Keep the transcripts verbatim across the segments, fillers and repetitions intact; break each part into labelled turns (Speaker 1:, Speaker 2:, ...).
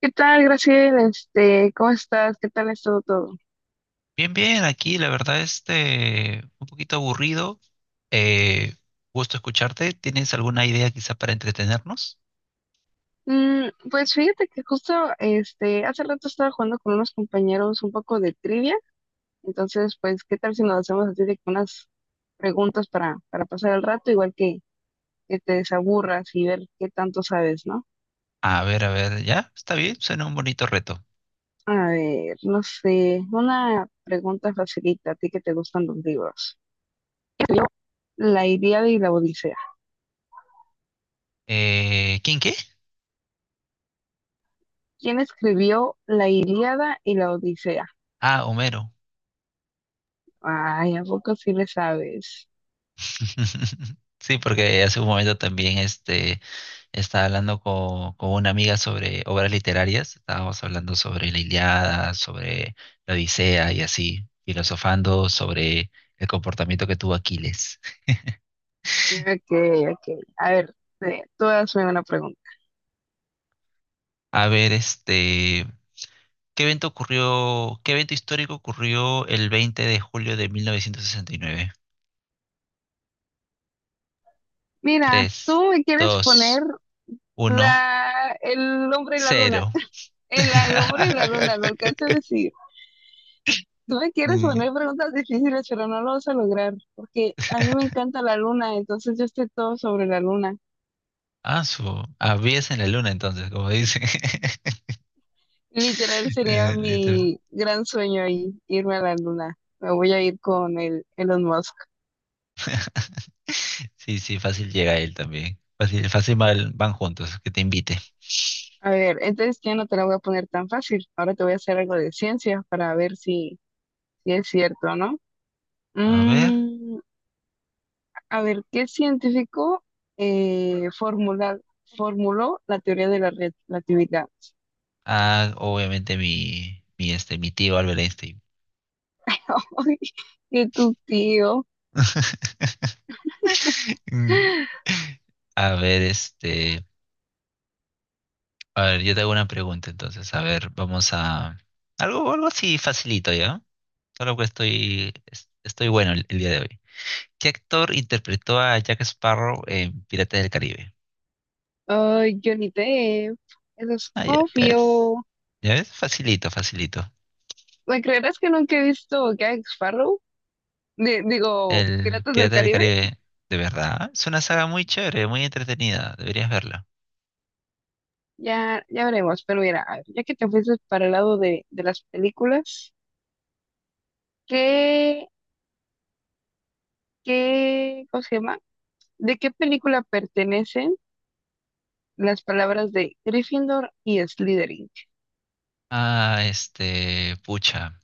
Speaker 1: ¿Qué tal, Graciela? Este, ¿cómo estás? ¿Qué tal ha estado todo?
Speaker 2: Bien, bien, aquí la verdad este un poquito aburrido. Eh, Gusto escucharte. ¿Tienes alguna idea quizá para entretenernos?
Speaker 1: Mm, pues fíjate que justo este, hace rato estaba jugando con unos compañeros un poco de trivia, entonces pues ¿qué tal si nos hacemos así de que unas preguntas para, para pasar el rato, igual que, que te desaburras y ver qué tanto sabes, ¿no?
Speaker 2: A ver, a ver, ya, está bien, suena un bonito reto.
Speaker 1: A ver, no sé, una pregunta facilita, a ti que te gustan los libros. ¿Quién escribió La Ilíada y la Odisea?
Speaker 2: Eh, ¿quién qué?
Speaker 1: ¿Quién escribió La Ilíada y la Odisea?
Speaker 2: Ah, Homero.
Speaker 1: Ay, ¿a poco sí le sabes?
Speaker 2: Sí, porque hace un momento también este, estaba hablando co- con, una amiga sobre obras literarias, estábamos hablando sobre la Iliada, sobre la Odisea y así, filosofando sobre el comportamiento que tuvo Aquiles.
Speaker 1: Ok, ok. A ver, eh, tú hazme una pregunta.
Speaker 2: A ver, este, ¿qué evento ocurrió, qué evento histórico ocurrió el veinte de julio de mil novecientos sesenta y nueve?
Speaker 1: Mira,
Speaker 2: Tres,
Speaker 1: tú me quieres poner
Speaker 2: dos, uno,
Speaker 1: la, el hombre y la luna.
Speaker 2: cero.
Speaker 1: El, al hombre y la luna, lo alcanzo a decir. Tú me quieres
Speaker 2: Mm,
Speaker 1: poner preguntas difíciles, pero no lo vas a lograr, porque a mí me encanta la luna, entonces yo estoy todo sobre la luna.
Speaker 2: Ah, su. Habías en la luna entonces, como dicen.
Speaker 1: Literal sería
Speaker 2: Eh, literal.
Speaker 1: mi gran sueño ahí, irme a la luna. Me voy a ir con el Elon Musk.
Speaker 2: Sí, sí, fácil llega él también. Fácil, fácil van van juntos, que te invite.
Speaker 1: A ver, entonces ya no te la voy a poner tan fácil. Ahora te voy a hacer algo de ciencia para ver si, si es cierto, ¿no?
Speaker 2: A ver.
Speaker 1: Mm, a ver, ¿qué científico eh, formula- formuló la teoría de la relatividad?
Speaker 2: Ah, obviamente mi, mi, este, mi tío Albert Einstein.
Speaker 1: Ay, qué tu tío.
Speaker 2: Mm. A ver, este. A ver, yo te hago una pregunta entonces. A ver, vamos a… Algo, algo así facilito, ¿ya? Solo que estoy, es- estoy bueno el, el día de hoy. ¿Qué actor interpretó a Jack Sparrow en Piratas del Caribe?
Speaker 1: Ay, Johnny Depp. Eso es
Speaker 2: Ah, ya, ya ves.
Speaker 1: obvio.
Speaker 2: ¿Ya ves? Facilito, facilito.
Speaker 1: ¿Me creerás que nunca he visto Jack Sparrow? Di- digo,
Speaker 2: El
Speaker 1: Piratas del
Speaker 2: Pirata del
Speaker 1: Caribe.
Speaker 2: Caribe, de verdad. Es una saga muy chévere, muy entretenida. Deberías verla.
Speaker 1: Ya, ya veremos. Pero mira, a ver, ya que te fuiste para el lado de, de las películas, ¿qué, qué, cómo se llama? ¿De qué película pertenecen las palabras de Gryffindor y Slytherin?
Speaker 2: Ah, este… Pucha,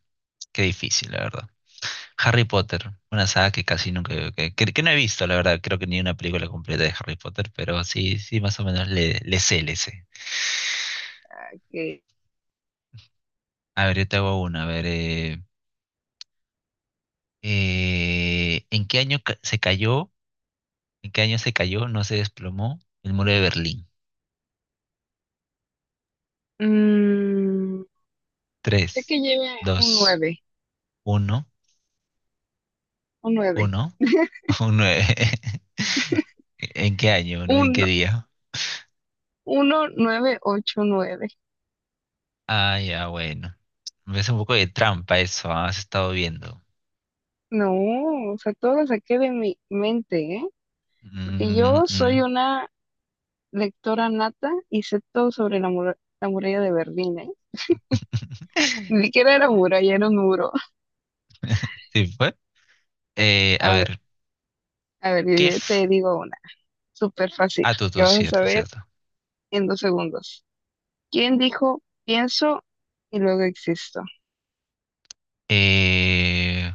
Speaker 2: qué difícil, la verdad. Harry Potter, una saga que casi nunca, que, que- que no he visto, la verdad, creo que ni una película completa de Harry Potter, pero sí, sí, más o menos le, le sé, le sé. A ver, yo te hago una, a ver, eh, eh, ¿en qué año ca- se cayó? ¿En qué año se cayó? No se desplomó el muro de Berlín.
Speaker 1: Mm, sé que
Speaker 2: Tres,
Speaker 1: lleva un
Speaker 2: dos,
Speaker 1: nueve
Speaker 2: uno,
Speaker 1: un nueve
Speaker 2: uno, un nueve. ¿En qué año, no? ¿En
Speaker 1: un
Speaker 2: qué día?
Speaker 1: uno nueve ocho nueve.
Speaker 2: Ah, ya, bueno. Me hace un poco de trampa eso, ah, has estado viendo.
Speaker 1: No, o sea, todo lo saqué de mi mente, ¿eh? Porque
Speaker 2: Mm, mm.
Speaker 1: yo
Speaker 2: mm.
Speaker 1: soy una lectora nata y sé todo sobre la, mur- la muralla de Berlín, ¿eh? Ni siquiera era muralla, era un muro.
Speaker 2: Sí, fue. Eh, a
Speaker 1: A,
Speaker 2: ver,
Speaker 1: a ver, yo
Speaker 2: ¿qué?
Speaker 1: ya te
Speaker 2: f-
Speaker 1: digo una, súper fácil,
Speaker 2: Ah, tú,
Speaker 1: que
Speaker 2: tú,
Speaker 1: vas a
Speaker 2: cierto,
Speaker 1: saber
Speaker 2: cierto.
Speaker 1: en dos segundos. ¿Quién dijo pienso y luego existo?
Speaker 2: Eh,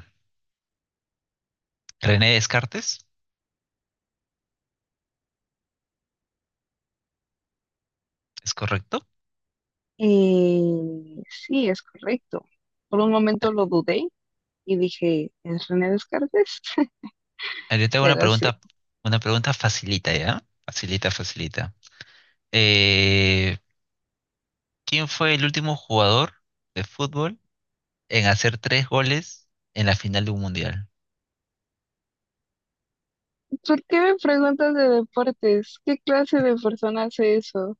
Speaker 2: René Descartes, ¿es correcto?
Speaker 1: Eh, sí, es correcto. Por un
Speaker 2: Ah,
Speaker 1: momento lo dudé y dije, ¿es René Descartes?
Speaker 2: ah, Yo tengo una
Speaker 1: Pero sí.
Speaker 2: pregunta, una pregunta facilita, ¿ya? Facilita, facilita. Eh, ¿quién fue el último jugador de fútbol en hacer tres goles en la final de un mundial?
Speaker 1: ¿Por qué me preguntas de deportes? ¿Qué clase de persona hace eso?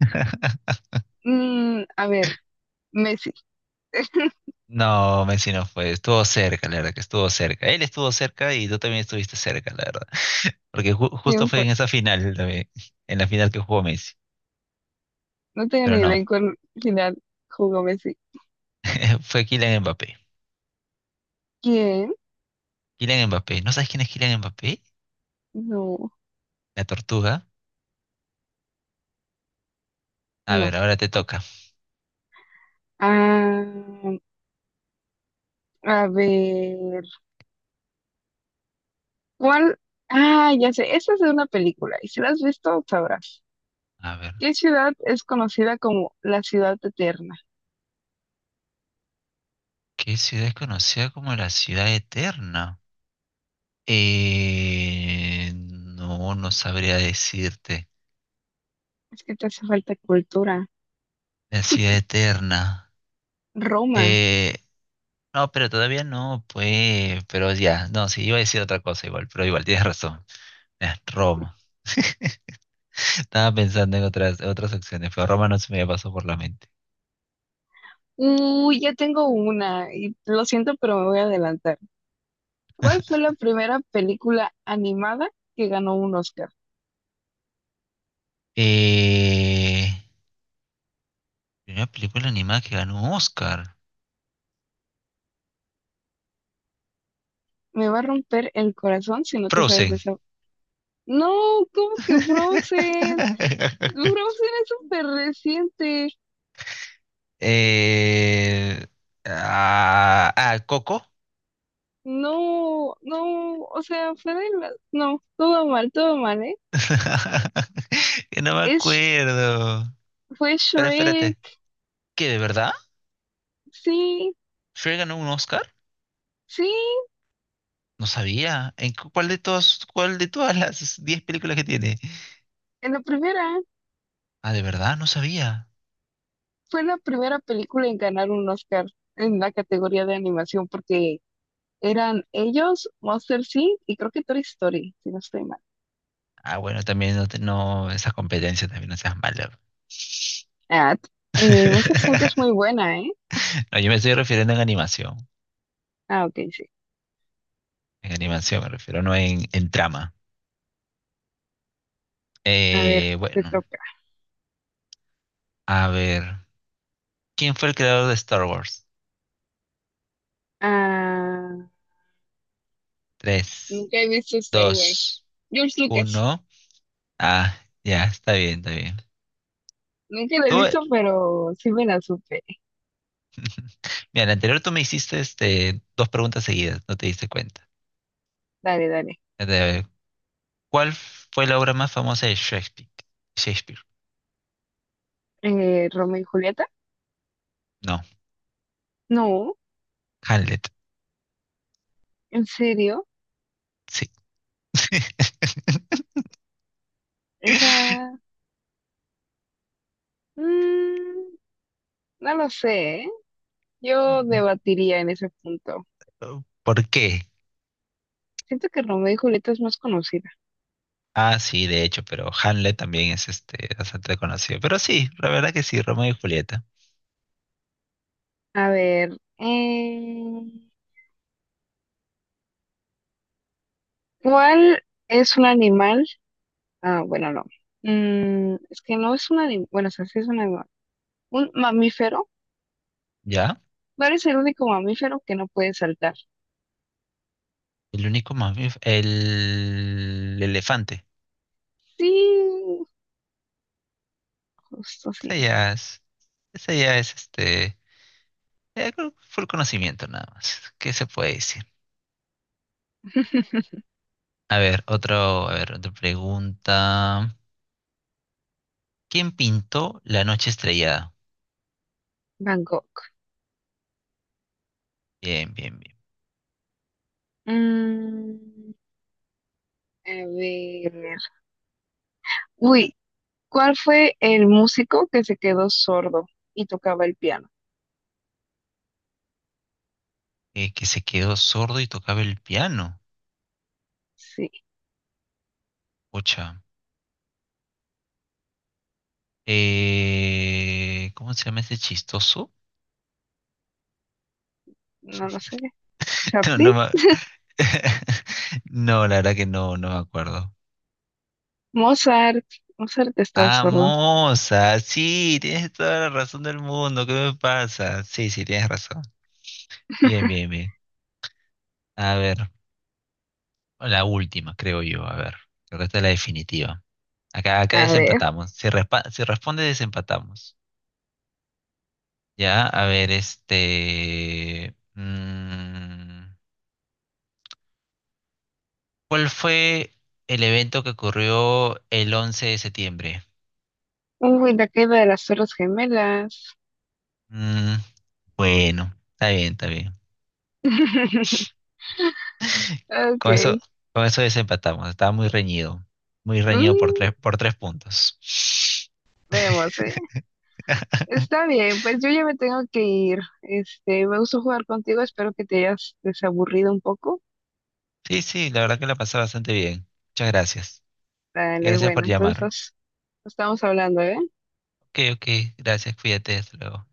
Speaker 1: Mm, a ver, Messi.
Speaker 2: No, Messi no fue, estuvo cerca, la verdad que estuvo cerca. Él estuvo cerca y tú también estuviste cerca, la verdad. Porque ju- justo
Speaker 1: ¿Quién
Speaker 2: fue
Speaker 1: fue?
Speaker 2: en esa final también, en la final que jugó Messi.
Speaker 1: No tengo
Speaker 2: Pero
Speaker 1: ni idea
Speaker 2: no,
Speaker 1: en cuál final jugó Messi.
Speaker 2: fue Kylian Mbappé.
Speaker 1: ¿Quién?
Speaker 2: Kylian Mbappé. ¿No sabes quién es Kylian Mbappé?
Speaker 1: No,
Speaker 2: La tortuga. A
Speaker 1: no.
Speaker 2: ver, ahora te toca.
Speaker 1: Ah, a ver, ¿cuál? Ah, ya sé, esta es de una película y si la has visto, sabrás.
Speaker 2: A ver,
Speaker 1: ¿Qué ciudad es conocida como la ciudad eterna?
Speaker 2: ¿qué ciudad es conocida como la ciudad eterna? Eh, no, no sabría decirte.
Speaker 1: Es que te hace falta cultura.
Speaker 2: La ciudad eterna.
Speaker 1: Roma.
Speaker 2: Eh, no, pero todavía no, pues, pero ya, no, sí, iba a decir otra cosa igual, pero igual, tienes razón. Es Roma. Estaba pensando en otras, otras opciones, pero Roma no se me pasó por la mente.
Speaker 1: Uy, ya tengo una y lo siento, pero me voy a adelantar. ¿Cuál fue la primera película animada que ganó un Oscar?
Speaker 2: Eh, primera película animada que ganó un Oscar.
Speaker 1: Me va a romper el corazón si no te sabes
Speaker 2: Frozen.
Speaker 1: eso. No, ¿cómo que Frozen? Frozen es súper reciente.
Speaker 2: Eh, ah, ah, Coco.
Speaker 1: No, no, o sea, fue de la... No, todo mal, todo mal, ¿eh?
Speaker 2: Que no me
Speaker 1: Es,
Speaker 2: acuerdo.
Speaker 1: fue
Speaker 2: Pero
Speaker 1: Shrek.
Speaker 2: espérate, ¿qué de verdad?
Speaker 1: Sí,
Speaker 2: ¿Shrek ganó un Oscar?
Speaker 1: sí,
Speaker 2: No sabía. ¿En cu- cuál de todas, cuál de todas las diez películas que tiene?
Speaker 1: en la primera.
Speaker 2: Ah, de verdad, no sabía.
Speaker 1: Fue la primera película en ganar un Oscar en la categoría de animación porque eran ellos, Monster Inc. y creo que Toy Story, si no estoy mal.
Speaker 2: Ah, bueno, también no, te- no esa competencia también no seas malo.
Speaker 1: Ah, t- eh, Monster Inc. es muy buena, ¿eh?
Speaker 2: No, yo me estoy refiriendo en animación.
Speaker 1: Ah, ok, sí.
Speaker 2: En animación me refiero, no en, en trama.
Speaker 1: A ver,
Speaker 2: Eh,
Speaker 1: te
Speaker 2: bueno,
Speaker 1: toca.
Speaker 2: a ver. ¿Quién fue el creador de Star Wars?
Speaker 1: Ah,
Speaker 2: Tres,
Speaker 1: nunca he visto Star Wars.
Speaker 2: dos,
Speaker 1: George Lucas.
Speaker 2: uno. Ah, ya, está bien, está bien.
Speaker 1: Nunca la he
Speaker 2: Tú,
Speaker 1: visto, pero sí me la supe.
Speaker 2: mira, en la anterior tú me hiciste este, dos preguntas seguidas, no te diste cuenta.
Speaker 1: Dale, dale.
Speaker 2: A ver, ¿cuál fue la obra más famosa de Shakespeare? Shakespeare.
Speaker 1: Eh, ¿Romeo y Julieta?
Speaker 2: No,
Speaker 1: No,
Speaker 2: Hamlet.
Speaker 1: ¿en serio?
Speaker 2: Sí.
Speaker 1: Esa... mm, no lo sé, ¿eh? Yo debatiría en ese punto.
Speaker 2: ¿Por qué?
Speaker 1: Siento que Romeo y Julieta es más conocida.
Speaker 2: Ah, sí, de hecho, pero Hamlet también es este bastante conocido. Pero sí, la verdad que sí, Romeo y Julieta.
Speaker 1: A ver, eh, ¿cuál es un animal? Ah, bueno, no. Mm, es que no es un animal. Bueno, o sea, sí es un animal. Un mamífero.
Speaker 2: ¿Ya?
Speaker 1: No eres el único mamífero que no puede saltar.
Speaker 2: El único mamífero, el elefante.
Speaker 1: Sí, justo así
Speaker 2: Esa
Speaker 1: es.
Speaker 2: ya es, esa ya es este, ya creo que fue el conocimiento nada más. ¿Qué se puede decir? A ver, otro, a ver, otra pregunta. ¿Quién pintó La noche estrellada?
Speaker 1: Van Gogh.
Speaker 2: Bien, bien, bien.
Speaker 1: Mm, a ver. Uy, ¿cuál fue el músico que se quedó sordo y tocaba el piano?
Speaker 2: Eh, que se quedó sordo y tocaba el piano.
Speaker 1: Sí,
Speaker 2: Ocha. Eh, ¿cómo se llama ese chistoso?
Speaker 1: no lo sé.
Speaker 2: No,
Speaker 1: ¿Chaplin?
Speaker 2: no, me- no, la verdad que no, no me acuerdo.
Speaker 1: Mozart, Mozart estaba
Speaker 2: Ah,
Speaker 1: sordo.
Speaker 2: Moza, sí, tienes toda la razón del mundo, ¿qué me pasa? Sí, sí, tienes razón. Bien, bien, bien. A ver, la última, creo yo, a ver. Creo que esta es la definitiva. Acá, acá
Speaker 1: A ver.
Speaker 2: desempatamos. Si, respa- si responde, desempatamos. Ya, a ver, este… mm, ¿cuál fue el evento que ocurrió el once de septiembre?
Speaker 1: Uy, la caída de las Torres Gemelas.
Speaker 2: Mm, bueno, está bien, está bien.
Speaker 1: Ok.
Speaker 2: Con eso, con eso desempatamos. Estaba muy reñido. Muy reñido por
Speaker 1: Mm,
Speaker 2: tres, por tres puntos.
Speaker 1: vemos, ¿eh? Está bien, pues yo ya me tengo que ir. Este, me gustó jugar contigo, espero que te hayas desaburrido un poco.
Speaker 2: Sí, sí, la verdad que la pasé bastante bien. Muchas gracias.
Speaker 1: Dale,
Speaker 2: Gracias
Speaker 1: bueno,
Speaker 2: por
Speaker 1: entonces
Speaker 2: llamar.
Speaker 1: nos nos estamos hablando, ¿eh?
Speaker 2: Ok, ok. Gracias, cuídate. Hasta luego.